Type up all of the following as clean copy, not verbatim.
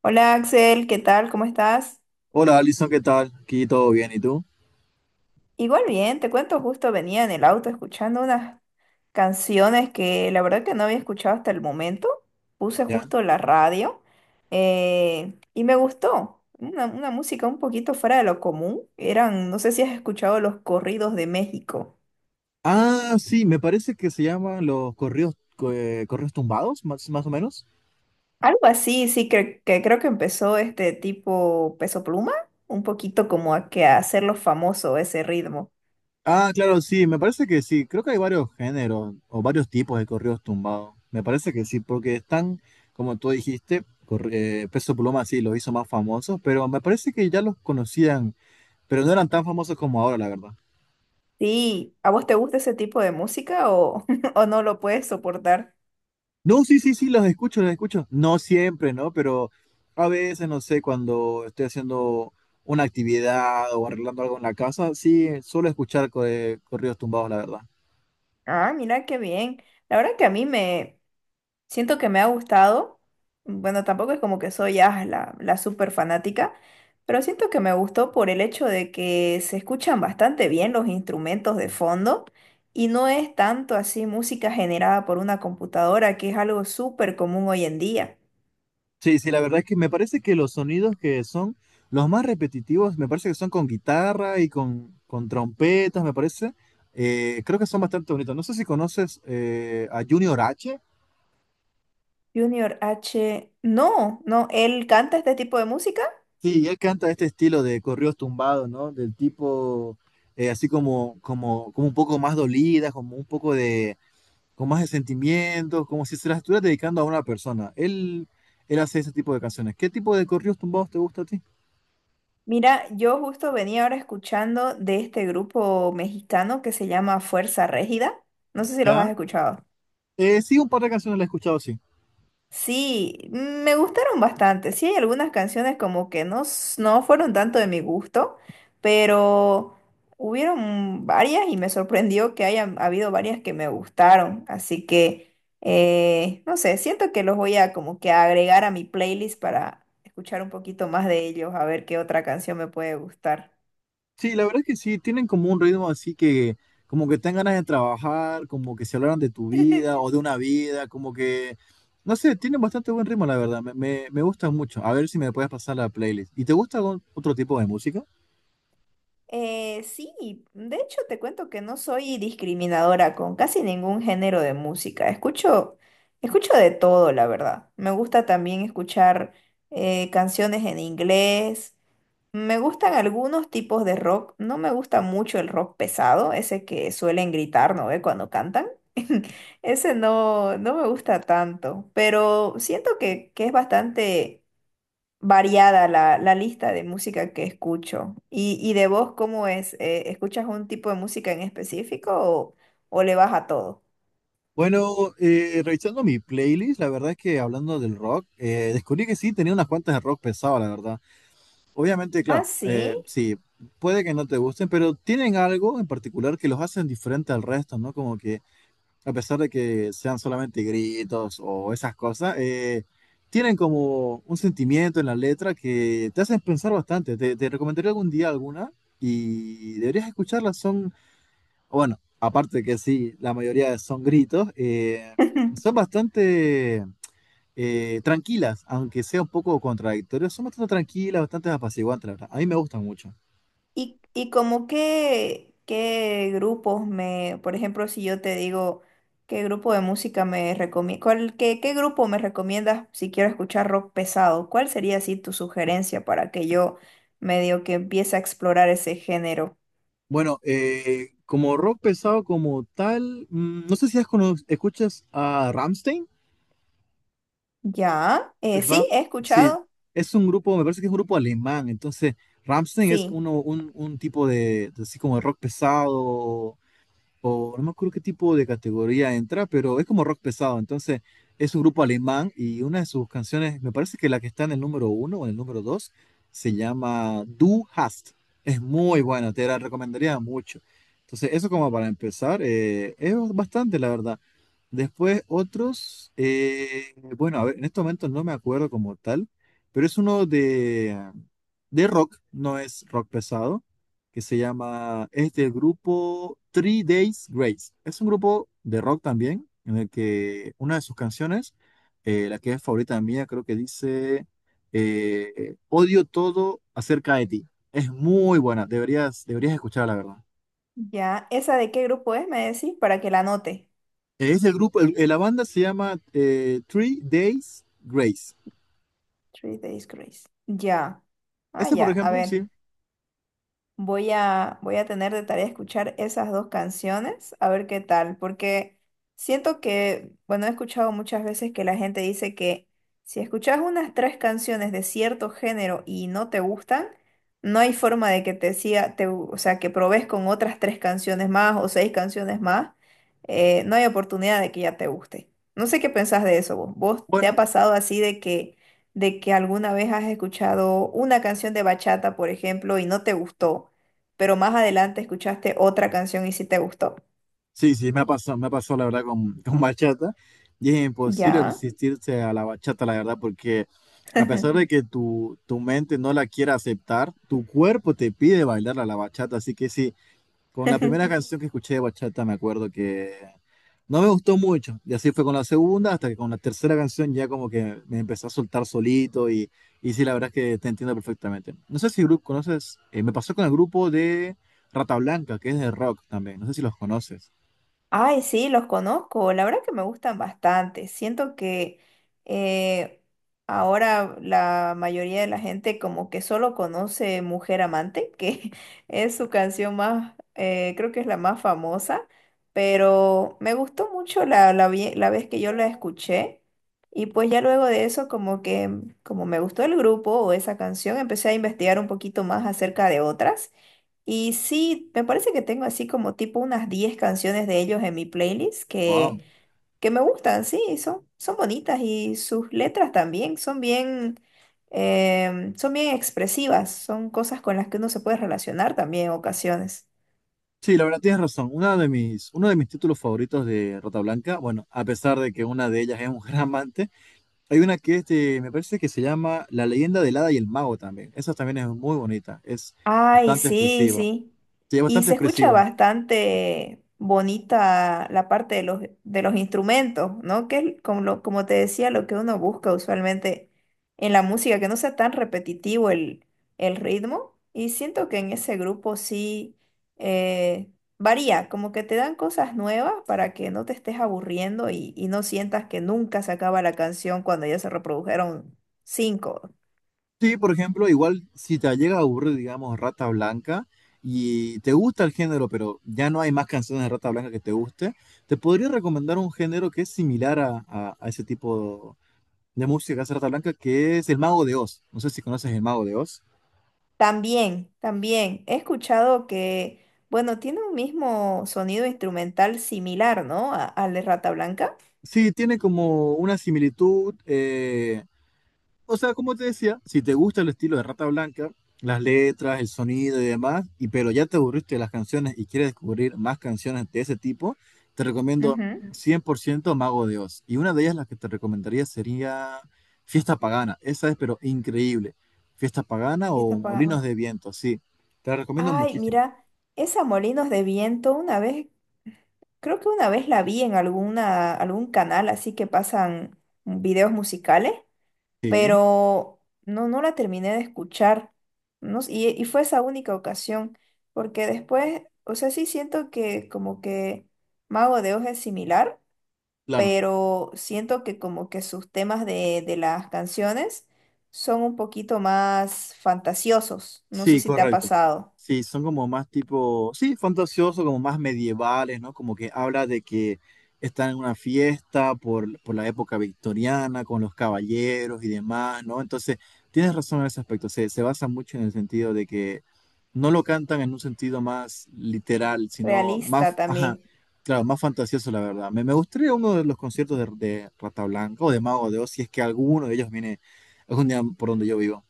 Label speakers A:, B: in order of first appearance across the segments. A: Hola Axel, ¿qué tal? ¿Cómo estás?
B: Hola Alison, ¿qué tal? Aquí todo bien, ¿y tú?
A: Igual bien, te cuento, justo venía en el auto escuchando unas canciones que la verdad que no había escuchado hasta el momento. Puse
B: ¿Ya?
A: justo la radio y me gustó. Una música un poquito fuera de lo común. Eran, no sé si has escuchado los corridos de México.
B: Ah, sí, me parece que se llaman los correos, correos tumbados, más, más o menos.
A: Algo así, sí, que creo que empezó este tipo Peso Pluma, un poquito como a, que a hacerlo famoso ese ritmo.
B: Ah, claro, sí, me parece que sí. Creo que hay varios géneros o varios tipos de correos tumbados. Me parece que sí, porque están, como tú dijiste, Peso Pluma sí los hizo más famosos, pero me parece que ya los conocían, pero no eran tan famosos como ahora, la verdad.
A: Sí, ¿a vos te gusta ese tipo de música o, o no lo puedes soportar?
B: No, sí, sí, sí, los escucho, los escucho. No siempre, ¿no? Pero a veces, no sé, cuando estoy haciendo una actividad o arreglando algo en la casa, sí, suelo escuchar corridos tumbados, la verdad.
A: Ah, mira qué bien. La verdad que a mí me siento que me ha gustado. Bueno, tampoco es como que soy la súper fanática, pero siento que me gustó por el hecho de que se escuchan bastante bien los instrumentos de fondo y no es tanto así música generada por una computadora, que es algo súper común hoy en día.
B: Sí, sí, la verdad es que me parece que los sonidos que son los más repetitivos, me parece que son con guitarra y con trompetas, me parece. Creo que son bastante bonitos. No sé si conoces a Junior H.
A: Junior H, no, no, ¿él canta este tipo de música?
B: Sí, él canta este estilo de corridos tumbados, ¿no? Del tipo, así como, como un poco más dolida, como un poco de, con más de sentimientos, como si se las estuvieras dedicando a una persona. Él hace ese tipo de canciones. ¿Qué tipo de corridos tumbados te gusta a ti?
A: Mira, yo justo venía ahora escuchando de este grupo mexicano que se llama Fuerza Régida. No sé si los
B: ¿Ya?
A: has escuchado.
B: Sí, un par de canciones las he escuchado, sí.
A: Sí, me gustaron bastante. Sí, hay algunas canciones como que no, no fueron tanto de mi gusto, pero hubieron varias y me sorprendió que hayan habido varias que me gustaron. Así que, no sé, siento que los voy a como que agregar a mi playlist para escuchar un poquito más de ellos, a ver qué otra canción me puede gustar.
B: Sí, la verdad es que sí, tienen como un ritmo así que, como que tengan ganas de trabajar, como que se hablaron de tu vida o de una vida, como que, no sé, tienen bastante buen ritmo, la verdad, me gusta mucho. A ver si me puedes pasar la playlist. ¿Y te gusta algún otro tipo de música?
A: Sí, de hecho te cuento que no soy discriminadora con casi ningún género de música. Escucho de todo, la verdad. Me gusta también escuchar canciones en inglés. Me gustan algunos tipos de rock. No me gusta mucho el rock pesado, ese que suelen gritar, ¿no ve? Cuando cantan. Ese no, no me gusta tanto, pero siento que es bastante variada la lista de música que escucho. Y de vos cómo es? ¿Escuchas un tipo de música en específico o le vas a todo?
B: Bueno, revisando mi playlist, la verdad es que hablando del rock, descubrí que sí, tenía unas cuantas de rock pesado, la verdad. Obviamente,
A: Ah,
B: claro,
A: sí.
B: sí, puede que no te gusten, pero tienen algo en particular que los hacen diferente al resto, ¿no? Como que a pesar de que sean solamente gritos o esas cosas, tienen como un sentimiento en la letra que te hacen pensar bastante. Te recomendaría algún día alguna y deberías escucharlas. Son, bueno, aparte que sí, la mayoría son gritos, son bastante tranquilas, aunque sea un poco contradictorias. Son bastante tranquilas, bastante apaciguantes, la verdad. A mí me gustan mucho.
A: ¿Y, y como qué, qué grupos me, por ejemplo, si yo te digo qué grupo de música me recomiendas, qué, qué grupo me recomiendas si quiero escuchar rock pesado? ¿Cuál sería así tu sugerencia para que yo medio que empiece a explorar ese género?
B: Bueno, como rock pesado como tal, no sé si escuchas a Rammstein.
A: Ya,
B: Ram-
A: sí, he
B: sí,
A: escuchado,
B: es un grupo, me parece que es un grupo alemán, entonces Rammstein es
A: sí.
B: uno, un tipo de así como de rock pesado, o no me acuerdo qué tipo de categoría entra, pero es como rock pesado. Entonces, es un grupo alemán y una de sus canciones, me parece que la que está en el número uno o en el número dos, se llama Du Hast. Es muy buena, te la recomendaría mucho. Entonces, eso como para empezar, es bastante, la verdad. Después, otros, bueno, a ver, en estos momentos no me acuerdo como tal, pero es uno de rock, no es rock pesado que se llama, es del grupo Three Days Grace. Es un grupo de rock también, en el que una de sus canciones, la que es favorita mía, creo que dice, Odio todo acerca de ti. Es muy buena, deberías, deberías escucharla, la verdad.
A: Ya, ¿esa de qué grupo es? Me decís para que la anote.
B: Es el grupo, la banda se llama Three Days Grace.
A: Three Days Grace. Ya. Ah,
B: Ese, por
A: ya, a
B: ejemplo,
A: ver.
B: sí.
A: Voy a tener de tarea escuchar esas dos canciones, a ver qué tal, porque siento que, bueno, he escuchado muchas veces que la gente dice que si escuchas unas tres canciones de cierto género y no te gustan, no hay forma de que te siga, te, o sea, que probes con otras tres canciones más o seis canciones más, no hay oportunidad de que ya te guste. No sé qué pensás de eso vos. ¿Vos te ha
B: Bueno,
A: pasado así de que alguna vez has escuchado una canción de bachata, por ejemplo, y no te gustó, pero más adelante escuchaste otra canción y sí te gustó?
B: sí, sí, me ha pasado la verdad con, con bachata y es imposible
A: Ya.
B: resistirse a la bachata, la verdad, porque a pesar de que tu mente no la quiera aceptar, tu cuerpo te pide bailar a la bachata, así que sí, con la primera canción que escuché de bachata me acuerdo que no me gustó mucho y así fue con la segunda hasta que con la tercera canción ya como que me empecé a soltar solito y sí, la verdad es que te entiendo perfectamente. No sé si conoces, me pasó con el grupo de Rata Blanca, que es de rock también, no sé si los conoces.
A: Ay, sí, los conozco. La verdad que me gustan bastante. Siento que eh, ahora la mayoría de la gente como que solo conoce Mujer Amante, que es su canción más, creo que es la más famosa, pero me gustó mucho la, la vez que yo la escuché. Y pues ya luego de eso, como que como me gustó el grupo o esa canción, empecé a investigar un poquito más acerca de otras. Y sí, me parece que tengo así como tipo unas 10 canciones de ellos en mi playlist
B: Wow.
A: que me gustan, sí, son, son bonitas y sus letras también son bien, son bien expresivas, son cosas con las que uno se puede relacionar también en ocasiones.
B: Sí, la verdad tienes razón. Una de mis, uno de mis títulos favoritos de Rata Blanca, bueno, a pesar de que una de ellas es un gran amante, hay una que me parece que se llama La leyenda del hada y el mago también. Esa también es muy bonita, es
A: Ay,
B: bastante
A: sí,
B: expresiva.
A: sí.
B: Sí, es
A: Y
B: bastante
A: se escucha
B: expresiva.
A: bastante bonita la parte de los instrumentos, ¿no? Que es como, como te decía, lo que uno busca usualmente en la música, que no sea tan repetitivo el ritmo. Y siento que en ese grupo sí eh, varía, como que te dan cosas nuevas para que no te estés aburriendo y no sientas que nunca se acaba la canción cuando ya se reprodujeron cinco.
B: Sí, por ejemplo, igual si te llega a aburrir, digamos, Rata Blanca y te gusta el género, pero ya no hay más canciones de Rata Blanca que te guste, te podría recomendar un género que es similar a, a ese tipo de música hace rata Blanca, que es El Mago de Oz. No sé si conoces El Mago de Oz.
A: También, también. He escuchado que, bueno, tiene un mismo sonido instrumental similar, ¿no? A- al de Rata Blanca.
B: Sí, tiene como una similitud. O sea, como te decía, si te gusta el estilo de Rata Blanca, las letras, el sonido y demás, y pero ya te aburriste de las canciones y quieres descubrir más canciones de ese tipo, te recomiendo
A: Ujú.
B: 100% Mago de Oz. Y una de ellas, la que te recomendaría, sería Fiesta Pagana. Esa es, pero increíble. Fiesta Pagana
A: Y está
B: o Molinos de Viento, sí. Te la recomiendo
A: Ay,
B: muchísimo.
A: mira, esa Molinos de Viento, una vez, creo que una vez la vi en alguna, algún canal, así que pasan videos musicales,
B: Sí, ¿eh?
A: pero no, no la terminé de escuchar. No, y fue esa única ocasión, porque después, o sea, sí siento que como que Mago de Oz es similar,
B: Claro.
A: pero siento que como que sus temas de las canciones son un poquito más fantasiosos. No sé
B: Sí,
A: si te ha
B: correcto.
A: pasado.
B: Sí, son como más tipo, sí, fantasioso, como más medievales, ¿no? Como que habla de que están en una fiesta por la época victoriana, con los caballeros y demás, ¿no? Entonces, tienes razón en ese aspecto, se basa mucho en el sentido de que no lo cantan en un sentido más literal, sino
A: Realista
B: más, ajá,
A: también.
B: claro, más fantasioso, la verdad. Me gustaría uno de los conciertos de Rata Blanca o de Mago de Oz, si es que alguno de ellos viene algún día por donde yo vivo.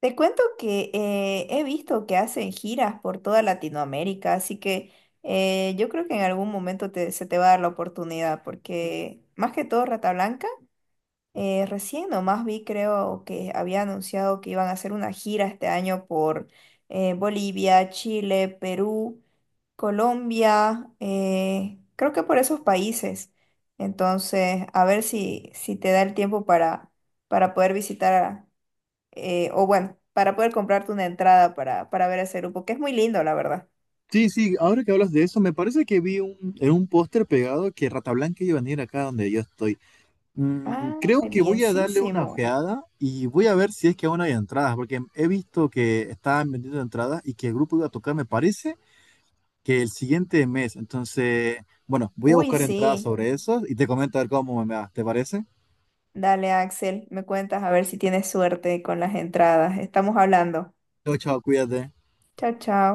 A: Te cuento que he visto que hacen giras por toda Latinoamérica, así que yo creo que en algún momento se te va a dar la oportunidad, porque más que todo Rata Blanca. Recién nomás vi, creo que había anunciado que iban a hacer una gira este año por Bolivia, Chile, Perú, Colombia, creo que por esos países. Entonces, a ver si, si te da el tiempo para poder visitar, o bueno, para poder comprarte una entrada para ver ese grupo, que es muy lindo, la verdad.
B: Sí, sí, ahora que hablas de eso, me parece que vi un, en un póster pegado que Rata Blanca iba a venir acá donde yo estoy.
A: Ah,
B: Creo que voy a darle una
A: bienísimo.
B: ojeada y voy a ver si es que aún hay entradas, porque he visto que estaban vendiendo entradas y que el grupo iba a tocar, me parece, que el siguiente mes. Entonces, bueno, voy a
A: Uy,
B: buscar entradas
A: sí.
B: sobre eso y te comento a ver cómo me va. ¿Te parece?
A: Dale, Axel, me cuentas a ver si tienes suerte con las entradas. Estamos hablando.
B: Chao, chao, cuídate.
A: Chao, chao.